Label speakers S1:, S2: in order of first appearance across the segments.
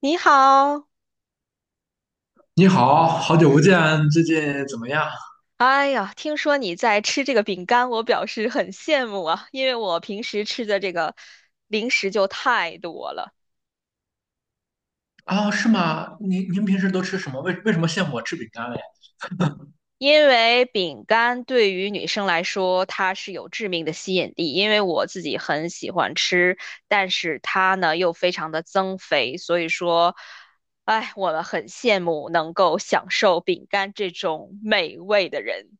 S1: 你好，
S2: 你好，好久不见，最近怎么样？
S1: 哎呀，听说你在吃这个饼干，我表示很羡慕啊，因为我平时吃的这个零食就太多了。
S2: 啊？是吗？您平时都吃什么？为什么羡慕我吃饼干嘞？
S1: 因为饼干对于女生来说，它是有致命的吸引力，因为我自己很喜欢吃，但是它呢又非常的增肥，所以说，哎，我们很羡慕能够享受饼干这种美味的人。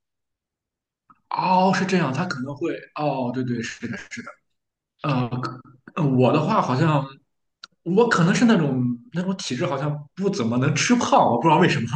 S2: 哦，是这样，他可能会，哦，对对，是的，是的，呃，可我的话好像，我可能是那种体质，好像不怎么能吃胖，我不知道为什么。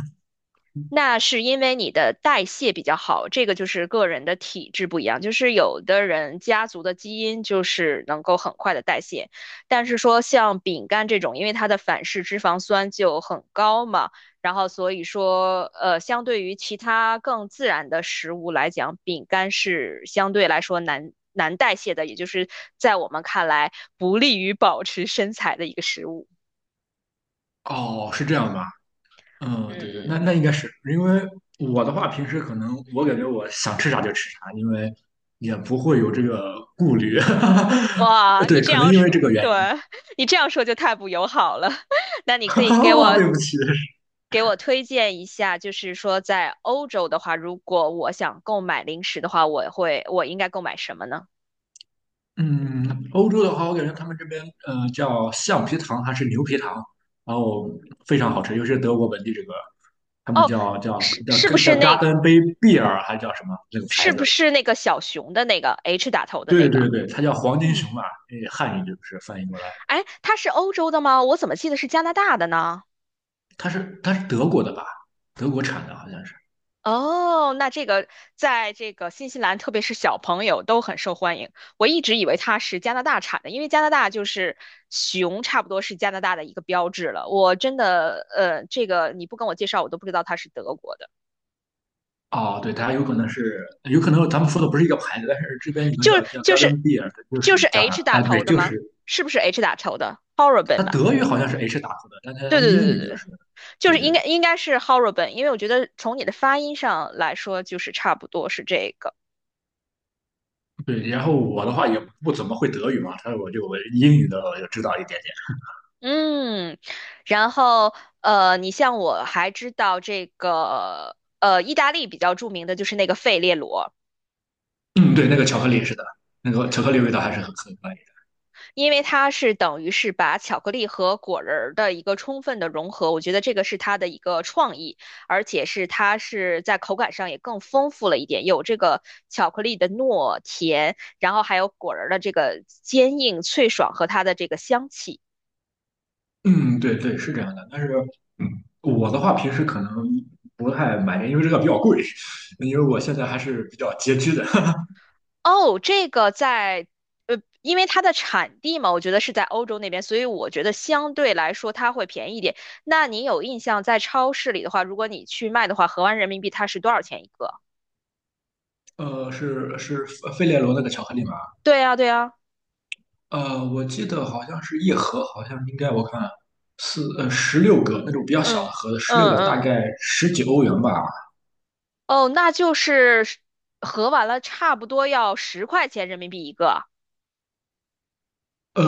S1: 那是因为你的代谢比较好，这个就是个人的体质不一样。就是有的人家族的基因就是能够很快的代谢，但是说像饼干这种，因为它的反式脂肪酸就很高嘛，然后所以说，相对于其他更自然的食物来讲，饼干是相对来说难代谢的，也就是在我们看来不利于保持身材的一个食物。
S2: 哦，是这样吧？嗯，对对，
S1: 嗯
S2: 那
S1: 嗯。
S2: 那应该是因为我的话，平时可能我感觉我想吃啥就吃啥，因为也不会有这个顾虑。哈。
S1: 哇，你
S2: 对，
S1: 这
S2: 可能
S1: 样
S2: 因
S1: 说，
S2: 为这个原
S1: 对，
S2: 因。
S1: 你这样说就太不友好了。那你 可以给
S2: 哦，
S1: 我
S2: 对不起，
S1: 给我推荐一下，就是说在欧洲的话，如果我想购买零食的话，我应该购买什么呢？
S2: 嗯，欧洲的话，我感觉他们这边叫橡皮糖还是牛皮糖，然后非常好吃，尤其是德国本地这个，他们
S1: 哦，
S2: 叫叫
S1: 是
S2: 叫
S1: 是不
S2: 叫
S1: 是那个
S2: Garden Bay Beer 还是叫什么那个牌
S1: 是不
S2: 子？
S1: 是那个小熊的那个 H 打头的
S2: 对
S1: 那个？
S2: 对对，它叫黄金
S1: 嗯，
S2: 熊嘛，呃汉语就是翻译过来，
S1: 哎，它是欧洲的吗？我怎么记得是加拿大的呢？
S2: 它是德国的吧？德国产的好像是。
S1: 哦，那这个在这个新西兰，特别是小朋友都很受欢迎。我一直以为它是加拿大产的，因为加拿大就是熊，差不多是加拿大的一个标志了。我真的，这个你不跟我介绍，我都不知道它是德国的。
S2: 哦，对，它有可能是，有可能咱们说的不是一个牌子，但是这边有个
S1: 就
S2: 叫
S1: 是
S2: 叫
S1: 就是
S2: Garden Beer 的，就
S1: 就是
S2: 是加拿
S1: H 打
S2: 啊，对，
S1: 头的
S2: 就
S1: 吗？
S2: 是
S1: 是不是 H 打头的 h o r r i b l
S2: 他
S1: e 吧？
S2: 德语好像是 H 打头的，但他
S1: 对
S2: 他
S1: 对
S2: 英
S1: 对对
S2: 语就
S1: 对，
S2: 是，
S1: 就
S2: 对
S1: 是
S2: 对
S1: 应该是 h o r r i b l e 因为我觉得从你的发音上来说，就是差不多是这个。
S2: 对。然后我的话也不怎么会德语嘛，所以我英语的我就知道一点
S1: 嗯，然后你像我还知道这个意大利比较著名的就是那个费列罗，
S2: 点。嗯，对，那个巧克力是的，那个巧克力味道还是很可以
S1: 因为它是等于是把巧克力和果仁儿的一个充分的融合，我觉得这个是它的一个创意，而且是它是在口感上也更丰富了一点，有这个巧克力的糯甜，然后还有果仁儿的这个坚硬脆爽和它的这个香气。
S2: 的嗯，对对，是这样的。但是，嗯，我的话平时可能不太买，因为这个比较贵，因为我现在还是比较拮据的。
S1: 哦，这个在，因为它的产地嘛，我觉得是在欧洲那边，所以我觉得相对来说它会便宜一点。那你有印象，在超市里的话，如果你去卖的话，合完人民币它是多少钱一个？
S2: 呃，是费列罗那个巧克力吗？
S1: 对呀，对呀，
S2: 呃，我记得好像是一盒，好像应该我看十六个那种比较小的
S1: 嗯
S2: 盒子，十六
S1: 嗯
S2: 个大
S1: 嗯，
S2: 概十几欧元吧。
S1: 哦，那就是合完了差不多要10块钱人民币一个。
S2: 呃，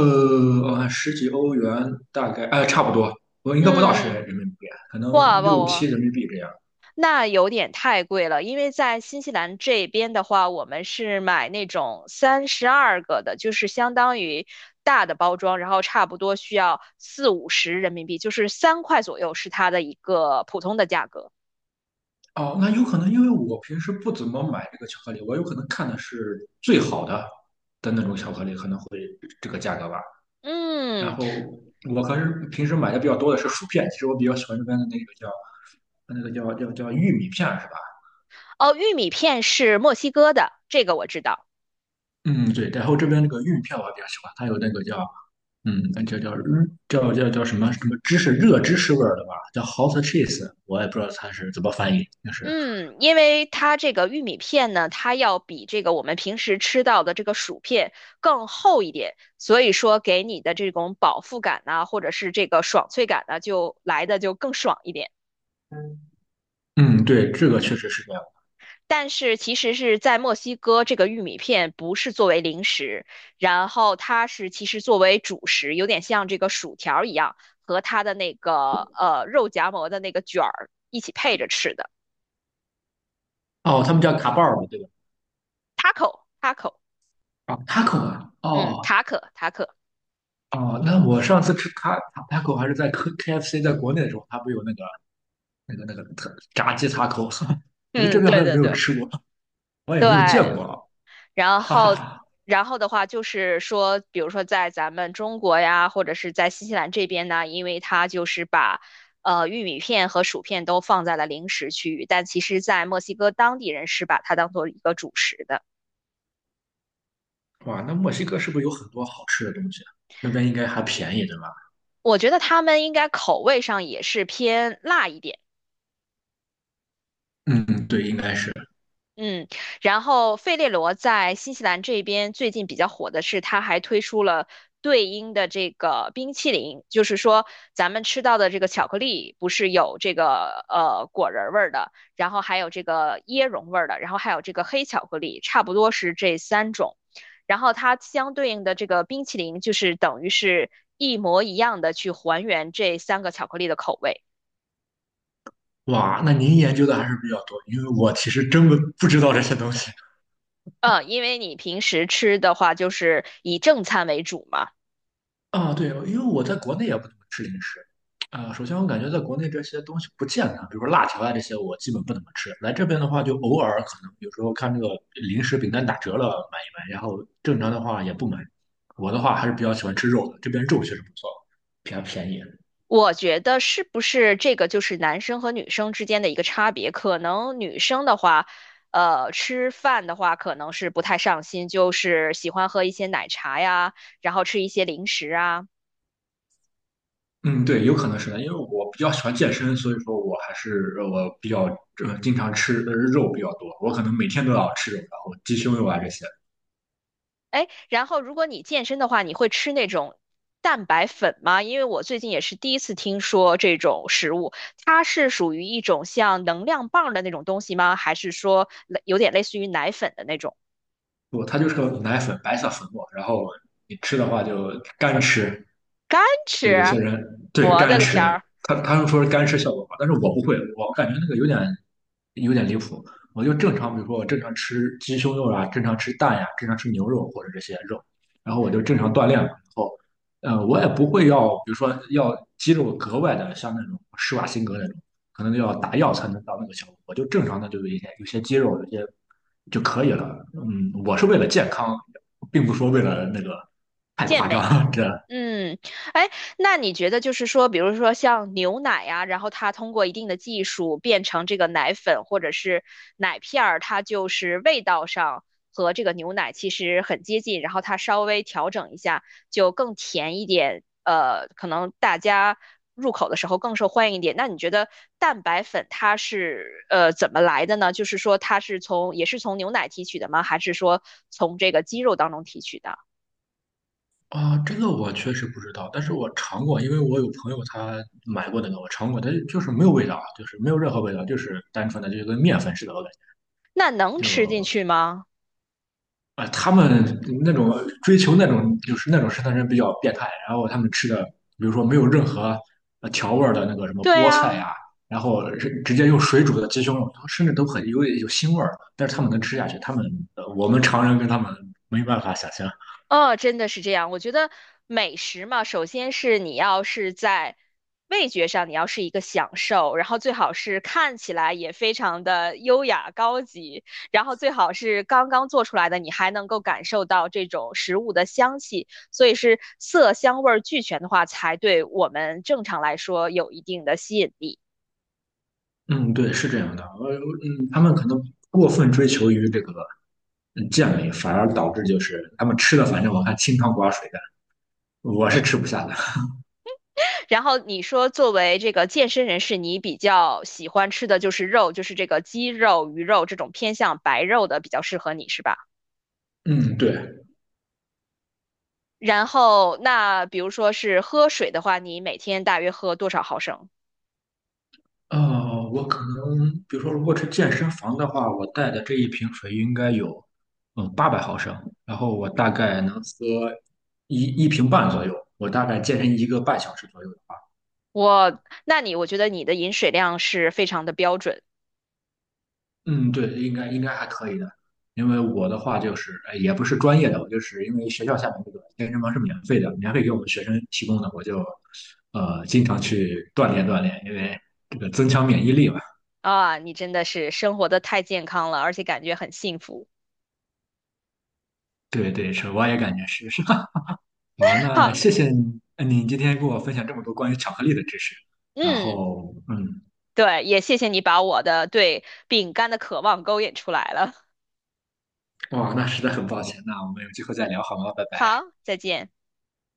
S2: 我看十几欧元大概，呃，差不多，我应该不到十
S1: 嗯，
S2: 人民币，可能
S1: 哇哇
S2: 六
S1: 哇
S2: 七
S1: 哇！
S2: 人民币这样。
S1: 那有点太贵了，因为在新西兰这边的话，我们是买那种32个的，就是相当于大的包装，然后差不多需要四五十人民币，就是3块左右是它的一个普通的价格。
S2: 哦，那有可能因为我平时不怎么买这个巧克力，我有可能看的是最好的那种巧克力，可能会这个价格吧。然
S1: 嗯，
S2: 后我可是平时买的比较多的是薯片，其实我比较喜欢那边的那个叫那个叫玉米片是吧？
S1: 哦，玉米片是墨西哥的，这个我知道。
S2: 嗯，对，然后这边那个玉片我比较喜欢，它有那个叫嗯，那叫叫嗯叫叫叫什么什么芝士热芝士味儿的吧，叫 hot cheese，我也不知道它是怎么翻译，就是
S1: 嗯，因为它这个玉米片呢，它要比这个我们平时吃到的这个薯片更厚一点，所以说给你的这种饱腹感呐、或者是这个爽脆感呢，就来的就更爽一点。
S2: 嗯，对，这个确实是这样。
S1: 但是其实是在墨西哥，这个玉米片不是作为零食，然后它是其实作为主食，有点像这个薯条儿一样，和它的那个肉夹馍的那个卷儿一起配着吃的。
S2: 哦，他们叫卡巴尔对吧？
S1: taco taco，
S2: 啊，taco 啊，
S1: 嗯，
S2: 哦
S1: 塔可塔可，
S2: 哦，那我上次吃taco 还是在 KFC 在国内的时候，它不有那个那个特炸鸡 taco，我在这
S1: 嗯，
S2: 边好
S1: 对
S2: 像没
S1: 对
S2: 有
S1: 对。
S2: 吃过，我也
S1: 对，
S2: 没有见过啊，
S1: 然
S2: 哈哈
S1: 后，
S2: 哈。
S1: 然后的话就是说，比如说在咱们中国呀，或者是在新西兰这边呢，因为它就是把玉米片和薯片都放在了零食区域，但其实，在墨西哥当地人是把它当做一个主食的。
S2: 哇，那墨西哥是不是有很多好吃的东西啊？那边应该还便宜，对吧？
S1: 我觉得他们应该口味上也是偏辣一点。
S2: 嗯，对，应该是。
S1: 嗯，然后费列罗在新西兰这边最近比较火的是，他还推出了对应的这个冰淇淋，就是说咱们吃到的这个巧克力不是有这个果仁儿味儿的，然后还有这个椰蓉味儿的，然后还有这个黑巧克力，差不多是这三种。然后它相对应的这个冰淇淋就是等于是一模一样的去还原这三个巧克力的口味。
S2: 哇，那您研究的还是比较多，因为我其实真不知道这些东西。
S1: 嗯，因为你平时吃的话就是以正餐为主嘛。
S2: 啊，对，因为我在国内也不怎么吃零食。啊，首先我感觉在国内这些东西不健康，比如说辣条啊这些，我基本不怎么吃。来这边的话，就偶尔可能有时候看这个零食饼干打折了买一买，然后正常的话也不买。我的话还是比较喜欢吃肉的，这边肉确实不错，比较便宜。
S1: 我觉得是不是这个就是男生和女生之间的一个差别？可能女生的话，吃饭的话可能是不太上心，就是喜欢喝一些奶茶呀，然后吃一些零食啊。
S2: 嗯，对，有可能是的，因为我比较喜欢健身，所以说我还是我比较经常吃肉比较多，我可能每天都要吃肉，然后鸡胸肉啊这些。
S1: 哎，然后如果你健身的话，你会吃那种蛋白粉吗？因为我最近也是第一次听说这种食物，它是属于一种像能量棒的那种东西吗？还是说有点类似于奶粉的那种？
S2: 不，它就是个奶粉，白色粉末，然后你吃的话就干吃，
S1: 干
S2: 对，有
S1: 吃，
S2: 些人对
S1: 我
S2: 干
S1: 的个天
S2: 吃，
S1: 儿，
S2: 他们说是干吃效果好，但是我不会，我感觉那个有点离谱。我就正常，比如说我正常吃鸡胸肉啊，正常吃蛋呀、正常吃牛肉或者这些肉，然后我就正常锻炼嘛。然后，我也不会要，比如说要肌肉格外的像那种施瓦辛格那种，可能要打药才能到那个效果。我就正常的就有一些肌肉，有些就可以了。嗯，我是为了健康，并不说为了那个太
S1: 健
S2: 夸
S1: 美！
S2: 张，这。
S1: 嗯，哎，那你觉得就是说，比如说像牛奶呀、然后它通过一定的技术变成这个奶粉或者是奶片儿，它就是味道上和这个牛奶其实很接近，然后它稍微调整一下就更甜一点，可能大家入口的时候更受欢迎一点。那你觉得蛋白粉它是怎么来的呢？就是说它是从也是从牛奶提取的吗？还是说从这个鸡肉当中提取的？
S2: 啊，这个我确实不知道，但是我尝过，因为我有朋友他买过那个，我尝过，它就是没有味道啊，就是没有任何味道，就是单纯的就跟面粉似的，我感
S1: 那能
S2: 觉就
S1: 吃进去吗？
S2: 啊、他们那种追求那种就是那种生态人比较变态，然后他们吃的，比如说没有任何调味儿的那个什么
S1: 对
S2: 菠
S1: 啊，
S2: 菜呀、然后是直接用水煮的鸡胸肉，甚至都很有腥味儿，但是他们能吃下去，他们我们常人跟他们没办法想象。
S1: 真的是这样。我觉得美食嘛，首先是你要是在味觉上，你要是一个享受，然后最好是看起来也非常的优雅高级，然后最好是刚刚做出来的，你还能够感受到这种食物的香气。所以是色香味儿俱全的话，才对我们正常来说有一定的吸引力。
S2: 嗯，对，是这样的，他们可能过分追求于这个健美，反而导致就是他们吃的，反正我看清汤寡水的，我是吃
S1: 嗯。
S2: 不下的。
S1: 然后你说作为这个健身人士，你比较喜欢吃的就是肉，就是这个鸡肉、鱼肉这种偏向白肉的比较适合你，是吧？
S2: 嗯，对，
S1: 然后那比如说是喝水的话，你每天大约喝多少毫升？
S2: 呃，我可能比如说，如果是健身房的话，我带的这一瓶水应该有800毫升，然后我大概能喝一瓶半左右，我大概健身一个半小时左右的话，
S1: 我觉得你的饮水量是非常的标准
S2: 嗯，对，应该还可以的，因为我的话就是，也不是专业的，我就是因为学校下面这个健身房是免费的，免费给我们学生提供的，我就经常去锻炼锻炼，因为这个增强免疫力嘛。
S1: 啊，你真的是生活的太健康了，而且感觉很幸福。
S2: 对对，是，我也感觉是是。好，那
S1: 好，
S2: 谢谢你，今天跟我分享这么多关于巧克力的知识，然
S1: 嗯，
S2: 后嗯，
S1: 对，也谢谢你把我的对饼干的渴望勾引出来了。
S2: 哇，那实在很抱歉，那我们有机会再聊好吗？拜拜。
S1: 好，再见。